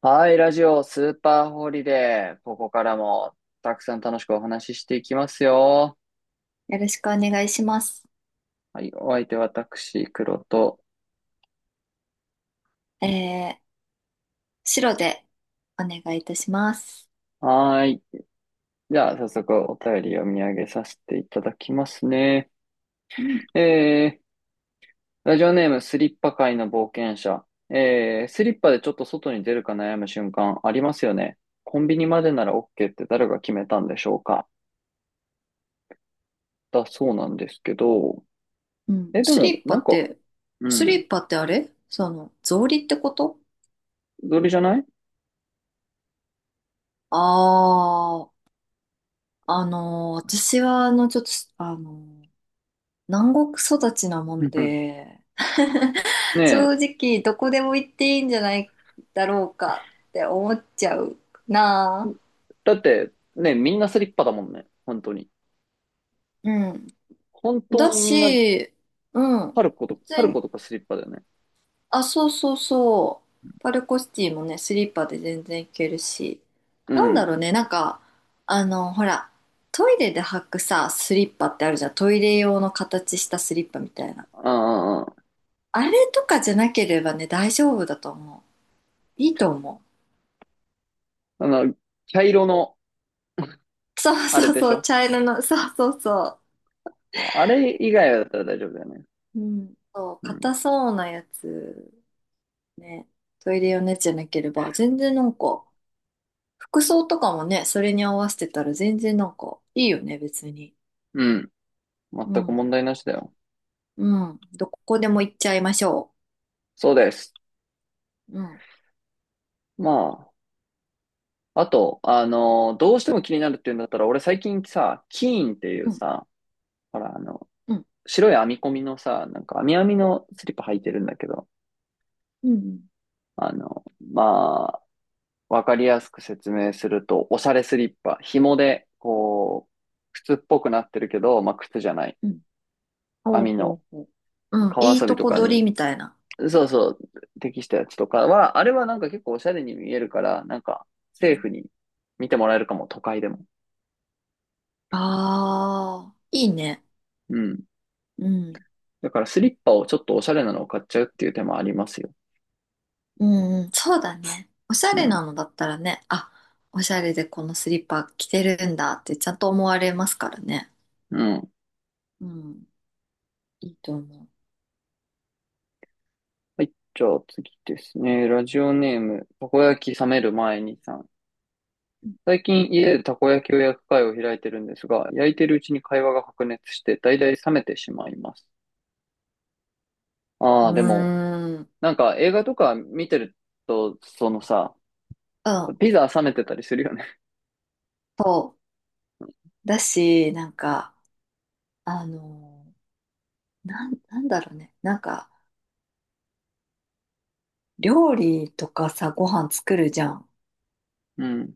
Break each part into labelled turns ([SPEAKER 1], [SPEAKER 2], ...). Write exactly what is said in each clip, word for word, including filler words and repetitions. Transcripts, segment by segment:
[SPEAKER 1] はい、ラジオスーパーホリデー。ここからもたくさん楽しくお話ししていきますよ。
[SPEAKER 2] よろしくお願いします。
[SPEAKER 1] はい、お相手は私、黒と。
[SPEAKER 2] えー、白でお願いいたします。
[SPEAKER 1] はーい。じゃあ、早速お便り読み上げさせていただきますね。
[SPEAKER 2] うん、
[SPEAKER 1] えー、ラジオネームスリッパ界の冒険者。えー、スリッパでちょっと外に出るか悩む瞬間ありますよね。コンビニまでなら OK って誰が決めたんでしょうかだそうなんですけど。
[SPEAKER 2] うん。
[SPEAKER 1] え、で
[SPEAKER 2] ス
[SPEAKER 1] も、
[SPEAKER 2] リッパ
[SPEAKER 1] なん
[SPEAKER 2] っ
[SPEAKER 1] か、
[SPEAKER 2] て、
[SPEAKER 1] う
[SPEAKER 2] ス
[SPEAKER 1] ん、
[SPEAKER 2] リッパってあれその、草履ってこと。
[SPEAKER 1] どれじゃない。
[SPEAKER 2] あああのー私は、あの、ちょっと、あのー南国育ちなもん で、
[SPEAKER 1] ね
[SPEAKER 2] 正
[SPEAKER 1] え。
[SPEAKER 2] 直、どこでも行っていいんじゃないだろうかって思っちゃうなあ。
[SPEAKER 1] だって、ね、みんなスリッパだもんね。本当に。
[SPEAKER 2] うん。
[SPEAKER 1] 本当
[SPEAKER 2] だ
[SPEAKER 1] にみんな、
[SPEAKER 2] し、うん。
[SPEAKER 1] パルコとか、
[SPEAKER 2] 別、
[SPEAKER 1] パルコとかスリッパだよね。
[SPEAKER 2] あ、そうそうそう。パルコシティもね、スリッパで全然行けるし。
[SPEAKER 1] う
[SPEAKER 2] なんだ
[SPEAKER 1] ん。
[SPEAKER 2] ろうね、なんか、あの、ほら、トイレで履くさ、スリッパってあるじゃん。トイレ用の形したスリッパみたいな。
[SPEAKER 1] あ
[SPEAKER 2] あれとかじゃなければね、大丈夫だと思う。いいと思
[SPEAKER 1] あ、あの、茶色の、
[SPEAKER 2] う。そう
[SPEAKER 1] あれ
[SPEAKER 2] そう
[SPEAKER 1] でし
[SPEAKER 2] そう、
[SPEAKER 1] ょ。
[SPEAKER 2] 茶色の、そうそうそ
[SPEAKER 1] まあ、あれ以外だったら大丈夫だよね。
[SPEAKER 2] う。うん。そう、
[SPEAKER 1] うん。
[SPEAKER 2] 硬そうなやつ、ね。トイレ用のやつじゃなければ、全然なんか、服装とかもね、それに合わせてたら全然なんか、いいよね、別に。
[SPEAKER 1] うん。
[SPEAKER 2] う
[SPEAKER 1] 全く
[SPEAKER 2] ん。
[SPEAKER 1] 問題なしだよ。
[SPEAKER 2] うん。どこでも行っちゃいましょ
[SPEAKER 1] そうです。
[SPEAKER 2] う。うん。
[SPEAKER 1] まあ、あと、あの、どうしても気になるっていうんだったら、俺最近さ、キーンってい
[SPEAKER 2] う
[SPEAKER 1] う
[SPEAKER 2] ん。
[SPEAKER 1] さ、ほら、あの、
[SPEAKER 2] うん。
[SPEAKER 1] 白い編み込みのさ、なんか、編み編みのスリッパ履いてるんだけど、
[SPEAKER 2] うん。
[SPEAKER 1] あの、まわかりやすく説明すると、おしゃれスリッパ。紐で、こう、靴っぽくなってるけど、まあ、靴じゃない。
[SPEAKER 2] うん。ほ
[SPEAKER 1] 網
[SPEAKER 2] うほ
[SPEAKER 1] の
[SPEAKER 2] うほう。うん。
[SPEAKER 1] 川
[SPEAKER 2] いい
[SPEAKER 1] 遊び
[SPEAKER 2] と
[SPEAKER 1] と
[SPEAKER 2] こ
[SPEAKER 1] か
[SPEAKER 2] 取り
[SPEAKER 1] に、
[SPEAKER 2] みたいな。
[SPEAKER 1] そうそう、適したやつとかは、あれはなんか結構おしゃれに見えるから、なんか、セーフに見てもらえるかも、都会でも。
[SPEAKER 2] ああー、いいね。
[SPEAKER 1] うん。
[SPEAKER 2] うん。
[SPEAKER 1] だからスリッパをちょっとおしゃれなのを買っちゃうっていう手もありますよ。
[SPEAKER 2] うんうん。そうだね。おしゃ
[SPEAKER 1] う
[SPEAKER 2] れ
[SPEAKER 1] ん。
[SPEAKER 2] なのだったらね、あ、おしゃれでこのスリッパ着てるんだってちゃんと思われますからね。
[SPEAKER 1] うん。
[SPEAKER 2] うん。いいと思
[SPEAKER 1] はい。じゃあ次ですね。ラジオネーム、たこ焼き冷める前にさん。最近家でたこ焼きを焼く会を開いてるんですが、焼いてるうちに会話が白熱して、だいたい冷めてしまいます。あ
[SPEAKER 2] う。う
[SPEAKER 1] あ、でも、
[SPEAKER 2] ーん。う
[SPEAKER 1] なんか映画とか見てると、そのさ、
[SPEAKER 2] ん。
[SPEAKER 1] ピザ冷めてたりするよね。
[SPEAKER 2] そう。だし、なんか、あのーなん、なんだろうね。なんか、料理とかさ、ご飯作るじゃん。
[SPEAKER 1] う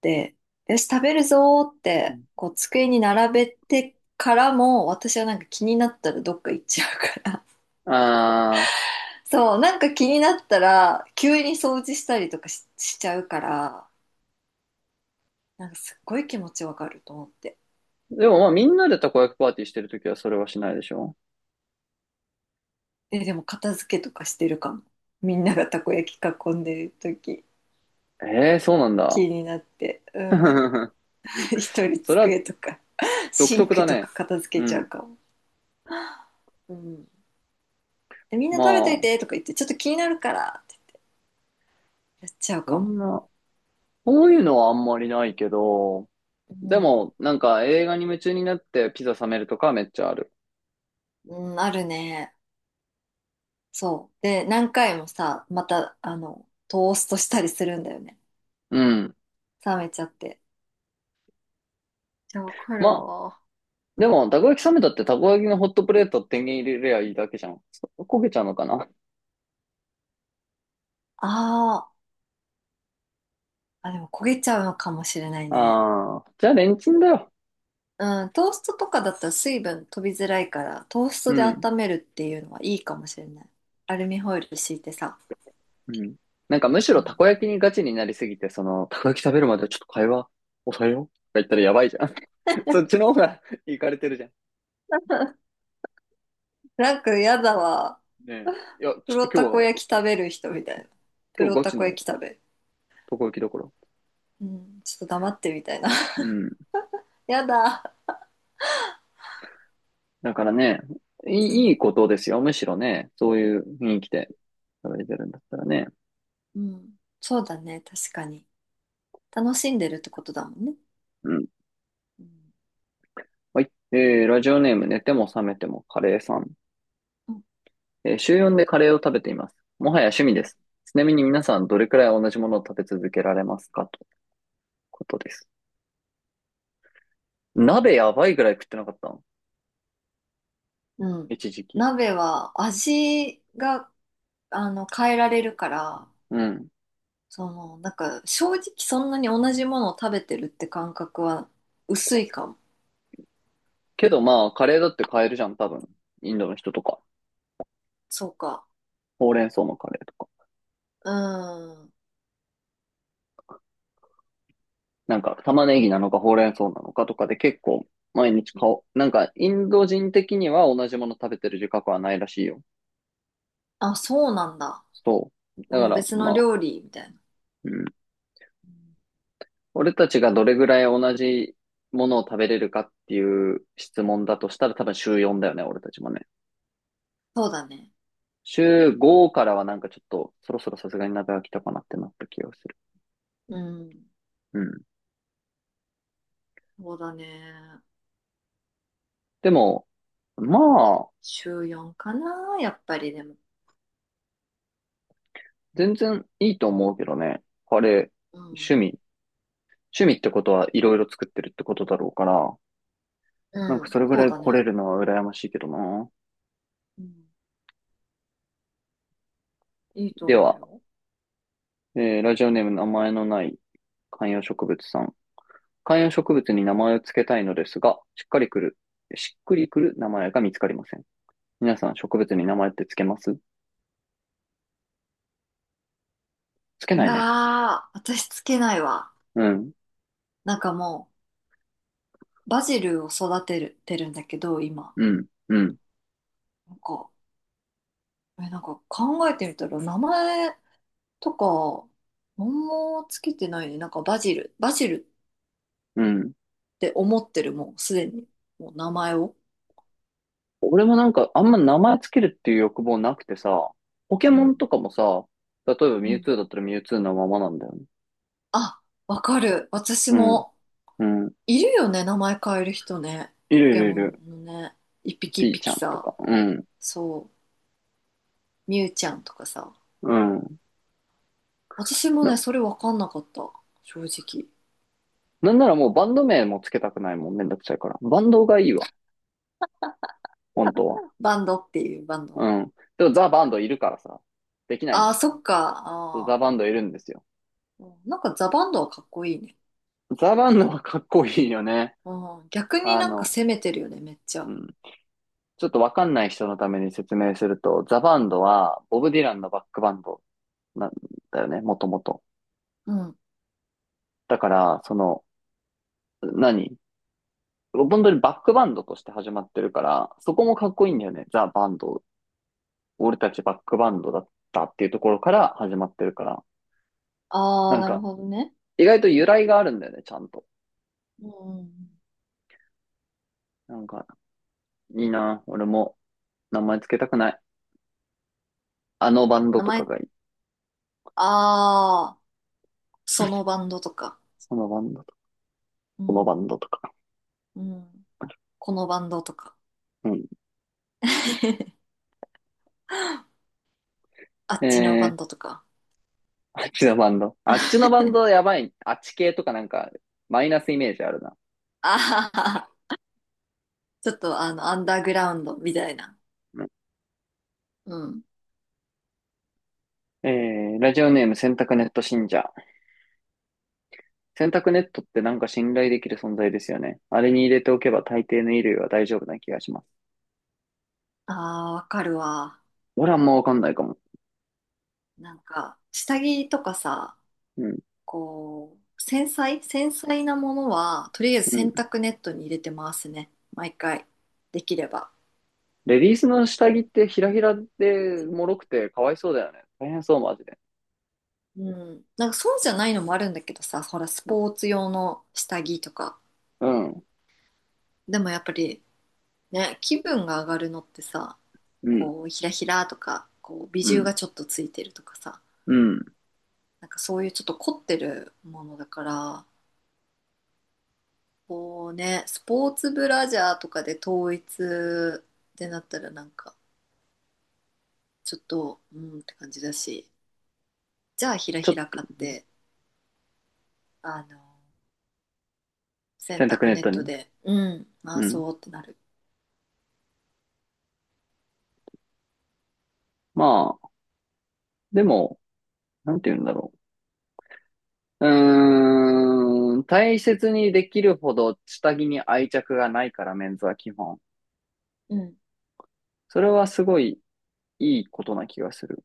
[SPEAKER 2] で、よし、食べるぞーって、こう、机に並べてからも、私はなんか気になったらどっか行っちゃうから。
[SPEAKER 1] ん。あ
[SPEAKER 2] そう、なんか気になったら、急に掃除したりとかし、しちゃうから、なんかすっごい気持ちわかると思って。
[SPEAKER 1] あ、でもまあみんなでたこ焼きパーティーしてるときはそれはしないでしょ。
[SPEAKER 2] え、でも片付けとかしてるかも。みんながたこ焼き囲んでる時、
[SPEAKER 1] ええー、そうなん
[SPEAKER 2] 気
[SPEAKER 1] だ。
[SPEAKER 2] になって、うん。一人
[SPEAKER 1] それは
[SPEAKER 2] 机とか、
[SPEAKER 1] 独
[SPEAKER 2] シン
[SPEAKER 1] 特
[SPEAKER 2] ク
[SPEAKER 1] だ
[SPEAKER 2] と
[SPEAKER 1] ね。
[SPEAKER 2] か片付
[SPEAKER 1] う
[SPEAKER 2] けちゃう
[SPEAKER 1] ん。
[SPEAKER 2] かも。うん。みんな
[SPEAKER 1] ま
[SPEAKER 2] 食べとい
[SPEAKER 1] あ、
[SPEAKER 2] てとか言って、ちょっと気になるからってやっちゃう
[SPEAKER 1] こ
[SPEAKER 2] かも。
[SPEAKER 1] んな、こういうのはあんまりないけど、
[SPEAKER 2] う
[SPEAKER 1] で
[SPEAKER 2] ん。
[SPEAKER 1] も、なんか映画に夢中になってピザ冷めるとかはめっちゃある。
[SPEAKER 2] うん、あるね。そう。で、何回もさ、また、あの、トーストしたりするんだよね。
[SPEAKER 1] うん。
[SPEAKER 2] 冷めちゃって。じゃあわかる
[SPEAKER 1] まあ、
[SPEAKER 2] わ。
[SPEAKER 1] でも、たこ焼き冷めたってたこ焼きのホットプレート天元入れりゃいいだけじゃん。そ焦げちゃうのかな。
[SPEAKER 2] あーあ、でも焦げちゃうのかもしれないね。
[SPEAKER 1] ああじゃあレンチンだよ。
[SPEAKER 2] うん、トーストとかだったら水分飛びづらいから、トース
[SPEAKER 1] う
[SPEAKER 2] トで
[SPEAKER 1] ん。
[SPEAKER 2] 温めるっていうのはいいかもしれない。アルミホイル敷いてさ。
[SPEAKER 1] うん。なんかむし
[SPEAKER 2] う
[SPEAKER 1] ろた
[SPEAKER 2] ん。
[SPEAKER 1] こ焼きにガチになりすぎて、その、たこ焼き食べるまでちょっと会話抑えようとか言ったらやばいじゃん。そっちの方がいかれてるじゃん。
[SPEAKER 2] なんかやだわ。
[SPEAKER 1] ねえ。いや、ち
[SPEAKER 2] プ
[SPEAKER 1] ょっ
[SPEAKER 2] ロ
[SPEAKER 1] と今
[SPEAKER 2] たこ
[SPEAKER 1] 日は、
[SPEAKER 2] 焼き食べる人みたいな。プ
[SPEAKER 1] 今日
[SPEAKER 2] ロ
[SPEAKER 1] ガ
[SPEAKER 2] た
[SPEAKER 1] チ
[SPEAKER 2] こ
[SPEAKER 1] の
[SPEAKER 2] 焼き食べる。
[SPEAKER 1] たこ焼きだから。
[SPEAKER 2] うん、ちょっと黙ってみたいな。
[SPEAKER 1] う ん。
[SPEAKER 2] やだ。
[SPEAKER 1] だからね、い
[SPEAKER 2] う
[SPEAKER 1] い、いい
[SPEAKER 2] ん、
[SPEAKER 1] ことですよ。むしろね、そういう雰囲気で食べてるんだったらね。
[SPEAKER 2] うん。そうだね、確かに。楽しんでるってことだもんね。
[SPEAKER 1] うん。
[SPEAKER 2] うん。
[SPEAKER 1] はい。えー、ラジオネーム、寝ても覚めてもカレーさん。
[SPEAKER 2] うん
[SPEAKER 1] えー、週よんでカレーを食べています。もはや趣味
[SPEAKER 2] う
[SPEAKER 1] です。ちなみに皆さん、どれくらい同じものを食べ続けられますかということです。鍋やばいぐらい食ってなかったの
[SPEAKER 2] んうん。
[SPEAKER 1] 一時期。
[SPEAKER 2] 鍋は味が、あの、変えられるから、
[SPEAKER 1] うん。
[SPEAKER 2] その、なんか、正直そんなに同じものを食べてるって感覚は薄いかも。
[SPEAKER 1] けどまあ、カレーだって買えるじゃん、多分。インドの人とか。
[SPEAKER 2] そうか。
[SPEAKER 1] ほうれん草のカレーとか。
[SPEAKER 2] うん。
[SPEAKER 1] なんか、玉ねぎなのかほうれん草なのかとかで結構、毎日買おう。なんか、インド人的には同じもの食べてる自覚はないらしいよ。
[SPEAKER 2] あ、そうなんだ。
[SPEAKER 1] そう。だか
[SPEAKER 2] もう
[SPEAKER 1] ら、
[SPEAKER 2] 別の
[SPEAKER 1] ま
[SPEAKER 2] 料
[SPEAKER 1] あ、
[SPEAKER 2] 理みたいな。
[SPEAKER 1] うん、
[SPEAKER 2] うん、
[SPEAKER 1] 俺たちがどれぐらい同じものを食べれるかっていう質問だとしたら多分週よんだよね、俺たちもね。
[SPEAKER 2] そうだね。
[SPEAKER 1] 週ごからはなんかちょっとそろそろさすがに鍋飽きたかなってなった気がする。
[SPEAKER 2] うん。
[SPEAKER 1] うん。
[SPEAKER 2] そうだね。
[SPEAKER 1] でも、まあ、
[SPEAKER 2] 週よんかな、やっぱりでも。
[SPEAKER 1] 全然いいと思うけどね。あれ、
[SPEAKER 2] う
[SPEAKER 1] 趣
[SPEAKER 2] ん。
[SPEAKER 1] 味。趣味ってことはいろいろ作ってるってことだろうから、なん
[SPEAKER 2] う
[SPEAKER 1] か
[SPEAKER 2] ん、
[SPEAKER 1] それぐ
[SPEAKER 2] そ
[SPEAKER 1] ら
[SPEAKER 2] う
[SPEAKER 1] い
[SPEAKER 2] だ
[SPEAKER 1] 来
[SPEAKER 2] ね。
[SPEAKER 1] れるのは羨ましいけどな。
[SPEAKER 2] うん。いいと
[SPEAKER 1] で
[SPEAKER 2] 思う
[SPEAKER 1] は、
[SPEAKER 2] よ。
[SPEAKER 1] えーラジオネーム名前のない観葉植物さん。観葉植物に名前を付けたいのですが、しっかりくる、しっくりくる名前が見つかりません。皆さん植物に名前って付けます付け
[SPEAKER 2] い
[SPEAKER 1] な
[SPEAKER 2] や
[SPEAKER 1] いね。
[SPEAKER 2] ー、私つけないわ。
[SPEAKER 1] うん、
[SPEAKER 2] なんかもう、バジルを育てる、てるんだけど、今。
[SPEAKER 1] うん、うん、
[SPEAKER 2] なんか、え、なんか考えてみたら、名前とか、何もつけてないね。なんかバジル、バジル
[SPEAKER 1] うん。
[SPEAKER 2] って思ってる、もうすでに。もう名前を。
[SPEAKER 1] 俺もなんかあんま名前付けるっていう欲望なくてさ、ポケ
[SPEAKER 2] う
[SPEAKER 1] モ
[SPEAKER 2] ん。
[SPEAKER 1] ンとかもさ、例えば
[SPEAKER 2] う
[SPEAKER 1] ミュウ
[SPEAKER 2] ん。
[SPEAKER 1] ツーだったらミュウツーのままなんだよね。
[SPEAKER 2] あ、わかる。私
[SPEAKER 1] うん、
[SPEAKER 2] も、
[SPEAKER 1] うん。
[SPEAKER 2] いるよね、名前変える人ね。
[SPEAKER 1] い
[SPEAKER 2] ポ
[SPEAKER 1] るい
[SPEAKER 2] ケ
[SPEAKER 1] るい
[SPEAKER 2] モン
[SPEAKER 1] る。
[SPEAKER 2] のね。一匹一
[SPEAKER 1] ピーちゃ
[SPEAKER 2] 匹
[SPEAKER 1] んと
[SPEAKER 2] さ。
[SPEAKER 1] か。うん、
[SPEAKER 2] そう。みゆちゃんとかさ。
[SPEAKER 1] うん。
[SPEAKER 2] 私も
[SPEAKER 1] な、
[SPEAKER 2] ね、それわかんなかった。正直。
[SPEAKER 1] なんならもうバンド名も付けたくないもんね、めんどくさいから。バンドがいいわ、本当は。
[SPEAKER 2] バンドっていうバンド。
[SPEAKER 1] うん。でもザ・バンドいるからさ、できないん
[SPEAKER 2] あ
[SPEAKER 1] だ
[SPEAKER 2] あ、
[SPEAKER 1] よ、それ。
[SPEAKER 2] そっか。
[SPEAKER 1] そう
[SPEAKER 2] あ
[SPEAKER 1] ザ・バ
[SPEAKER 2] あ。
[SPEAKER 1] ンドいるんですよ。
[SPEAKER 2] うん、なんかザ・バンドはかっこいいね。
[SPEAKER 1] ザ・バンドはかっこいいよね。
[SPEAKER 2] うん。逆に
[SPEAKER 1] あ
[SPEAKER 2] なんか
[SPEAKER 1] の、
[SPEAKER 2] 攻めてるよね、めっち
[SPEAKER 1] う
[SPEAKER 2] ゃ。
[SPEAKER 1] ん。ちょっとわかんない人のために説明すると、ザ・バンドはボブ・ディランのバックバンドなんだよね、もともと。
[SPEAKER 2] うん。
[SPEAKER 1] だから、その、何本当にバックバンドとして始まってるから、そこもかっこいいんだよね。ザ・バンド。俺たちバックバンドだったっていうところから始まってるから。
[SPEAKER 2] あ
[SPEAKER 1] な
[SPEAKER 2] あ、
[SPEAKER 1] ん
[SPEAKER 2] なる
[SPEAKER 1] か、
[SPEAKER 2] ほどね。
[SPEAKER 1] 意外と由来があるんだよね、ちゃんと。
[SPEAKER 2] うん。
[SPEAKER 1] なんか、いいな。俺も名前つけたくない。あのバンド
[SPEAKER 2] 名
[SPEAKER 1] とか
[SPEAKER 2] 前、
[SPEAKER 1] がいい。
[SPEAKER 2] ああ、そのバンドとか。
[SPEAKER 1] そのバンドとか、
[SPEAKER 2] う
[SPEAKER 1] このバン
[SPEAKER 2] ん。
[SPEAKER 1] ドとか。
[SPEAKER 2] うん。このバンドとか。
[SPEAKER 1] うん。
[SPEAKER 2] あっ
[SPEAKER 1] え
[SPEAKER 2] ちのバン
[SPEAKER 1] ー、
[SPEAKER 2] ドとか。
[SPEAKER 1] あっちのバンド。あっちのバンドやばい。あっち系とかなんか、マイナスイメージあるな。
[SPEAKER 2] ああ、ちょっとあの、アンダーグラウンドみたいな。
[SPEAKER 1] うん。
[SPEAKER 2] うん。
[SPEAKER 1] えー、ラジオネーム洗濯ネット信者。洗濯ネットってなんか信頼できる存在ですよね。あれに入れておけば大抵の衣類は大丈夫な気がします。
[SPEAKER 2] ああ、わかるわ。
[SPEAKER 1] 俺はあんまわかんないかも。
[SPEAKER 2] なんか、下着とかさ、
[SPEAKER 1] うん、
[SPEAKER 2] こう、繊細、繊細なものは、とりあえず
[SPEAKER 1] う
[SPEAKER 2] 洗
[SPEAKER 1] ん。
[SPEAKER 2] 濯ネットに入れてますね。毎回。できれば。
[SPEAKER 1] レディースの下着ってひらひらで脆くてかわいそうだよね。大変そう、マジで。
[SPEAKER 2] うん。なんかそうじゃないのもあるんだけどさ、ほら、スポーツ用の下着とか。
[SPEAKER 1] うん、
[SPEAKER 2] でもやっぱり、ね、気分が上がるのってさ、
[SPEAKER 1] うん、
[SPEAKER 2] こう、ひらひらとか、こう、ビ
[SPEAKER 1] う
[SPEAKER 2] ジュ
[SPEAKER 1] ん、
[SPEAKER 2] がちょっとついてるとかさ、
[SPEAKER 1] うん。
[SPEAKER 2] なんかそういうちょっと凝ってるものだから、こうね、スポーツブラジャーとかで統一ってなったらなんか、ちょっとうんって感じだし、じゃあひら
[SPEAKER 1] ちょ
[SPEAKER 2] ひ
[SPEAKER 1] っ
[SPEAKER 2] ら買って、あの、洗
[SPEAKER 1] 洗濯
[SPEAKER 2] 濯
[SPEAKER 1] ネッ
[SPEAKER 2] ネ
[SPEAKER 1] ト
[SPEAKER 2] ット
[SPEAKER 1] に。
[SPEAKER 2] でうん回
[SPEAKER 1] うん。
[SPEAKER 2] そうってなる。
[SPEAKER 1] まあ、でも、なんて言うんだろう。うーん、大切にできるほど下着に愛着がないから、メンズは基本。
[SPEAKER 2] うん。
[SPEAKER 1] それはすごいいいことな気がする。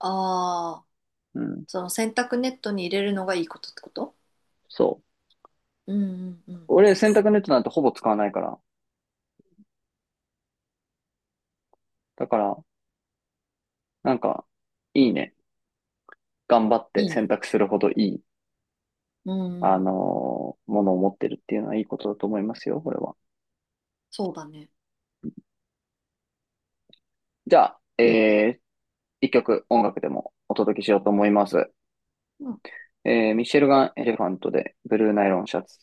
[SPEAKER 2] ああ、
[SPEAKER 1] うん。
[SPEAKER 2] その洗濯ネットに入れるのがいいことってこと。
[SPEAKER 1] そう。
[SPEAKER 2] うんうんうん、
[SPEAKER 1] 俺、洗濯ネットなんてほぼ使わないから。だから、なんか、いいね。頑張って
[SPEAKER 2] いい
[SPEAKER 1] 洗
[SPEAKER 2] ね、
[SPEAKER 1] 濯するほどいい、
[SPEAKER 2] うん
[SPEAKER 1] あ
[SPEAKER 2] うん。
[SPEAKER 1] のーものを持ってるっていうのはいいことだと思いますよ、これは。
[SPEAKER 2] そうだね
[SPEAKER 1] じゃあ、えー、一曲音楽でもお届けしようと思います。
[SPEAKER 2] ん
[SPEAKER 1] えーミシェルガン・エレファントで、ブルーナイロンシャツ。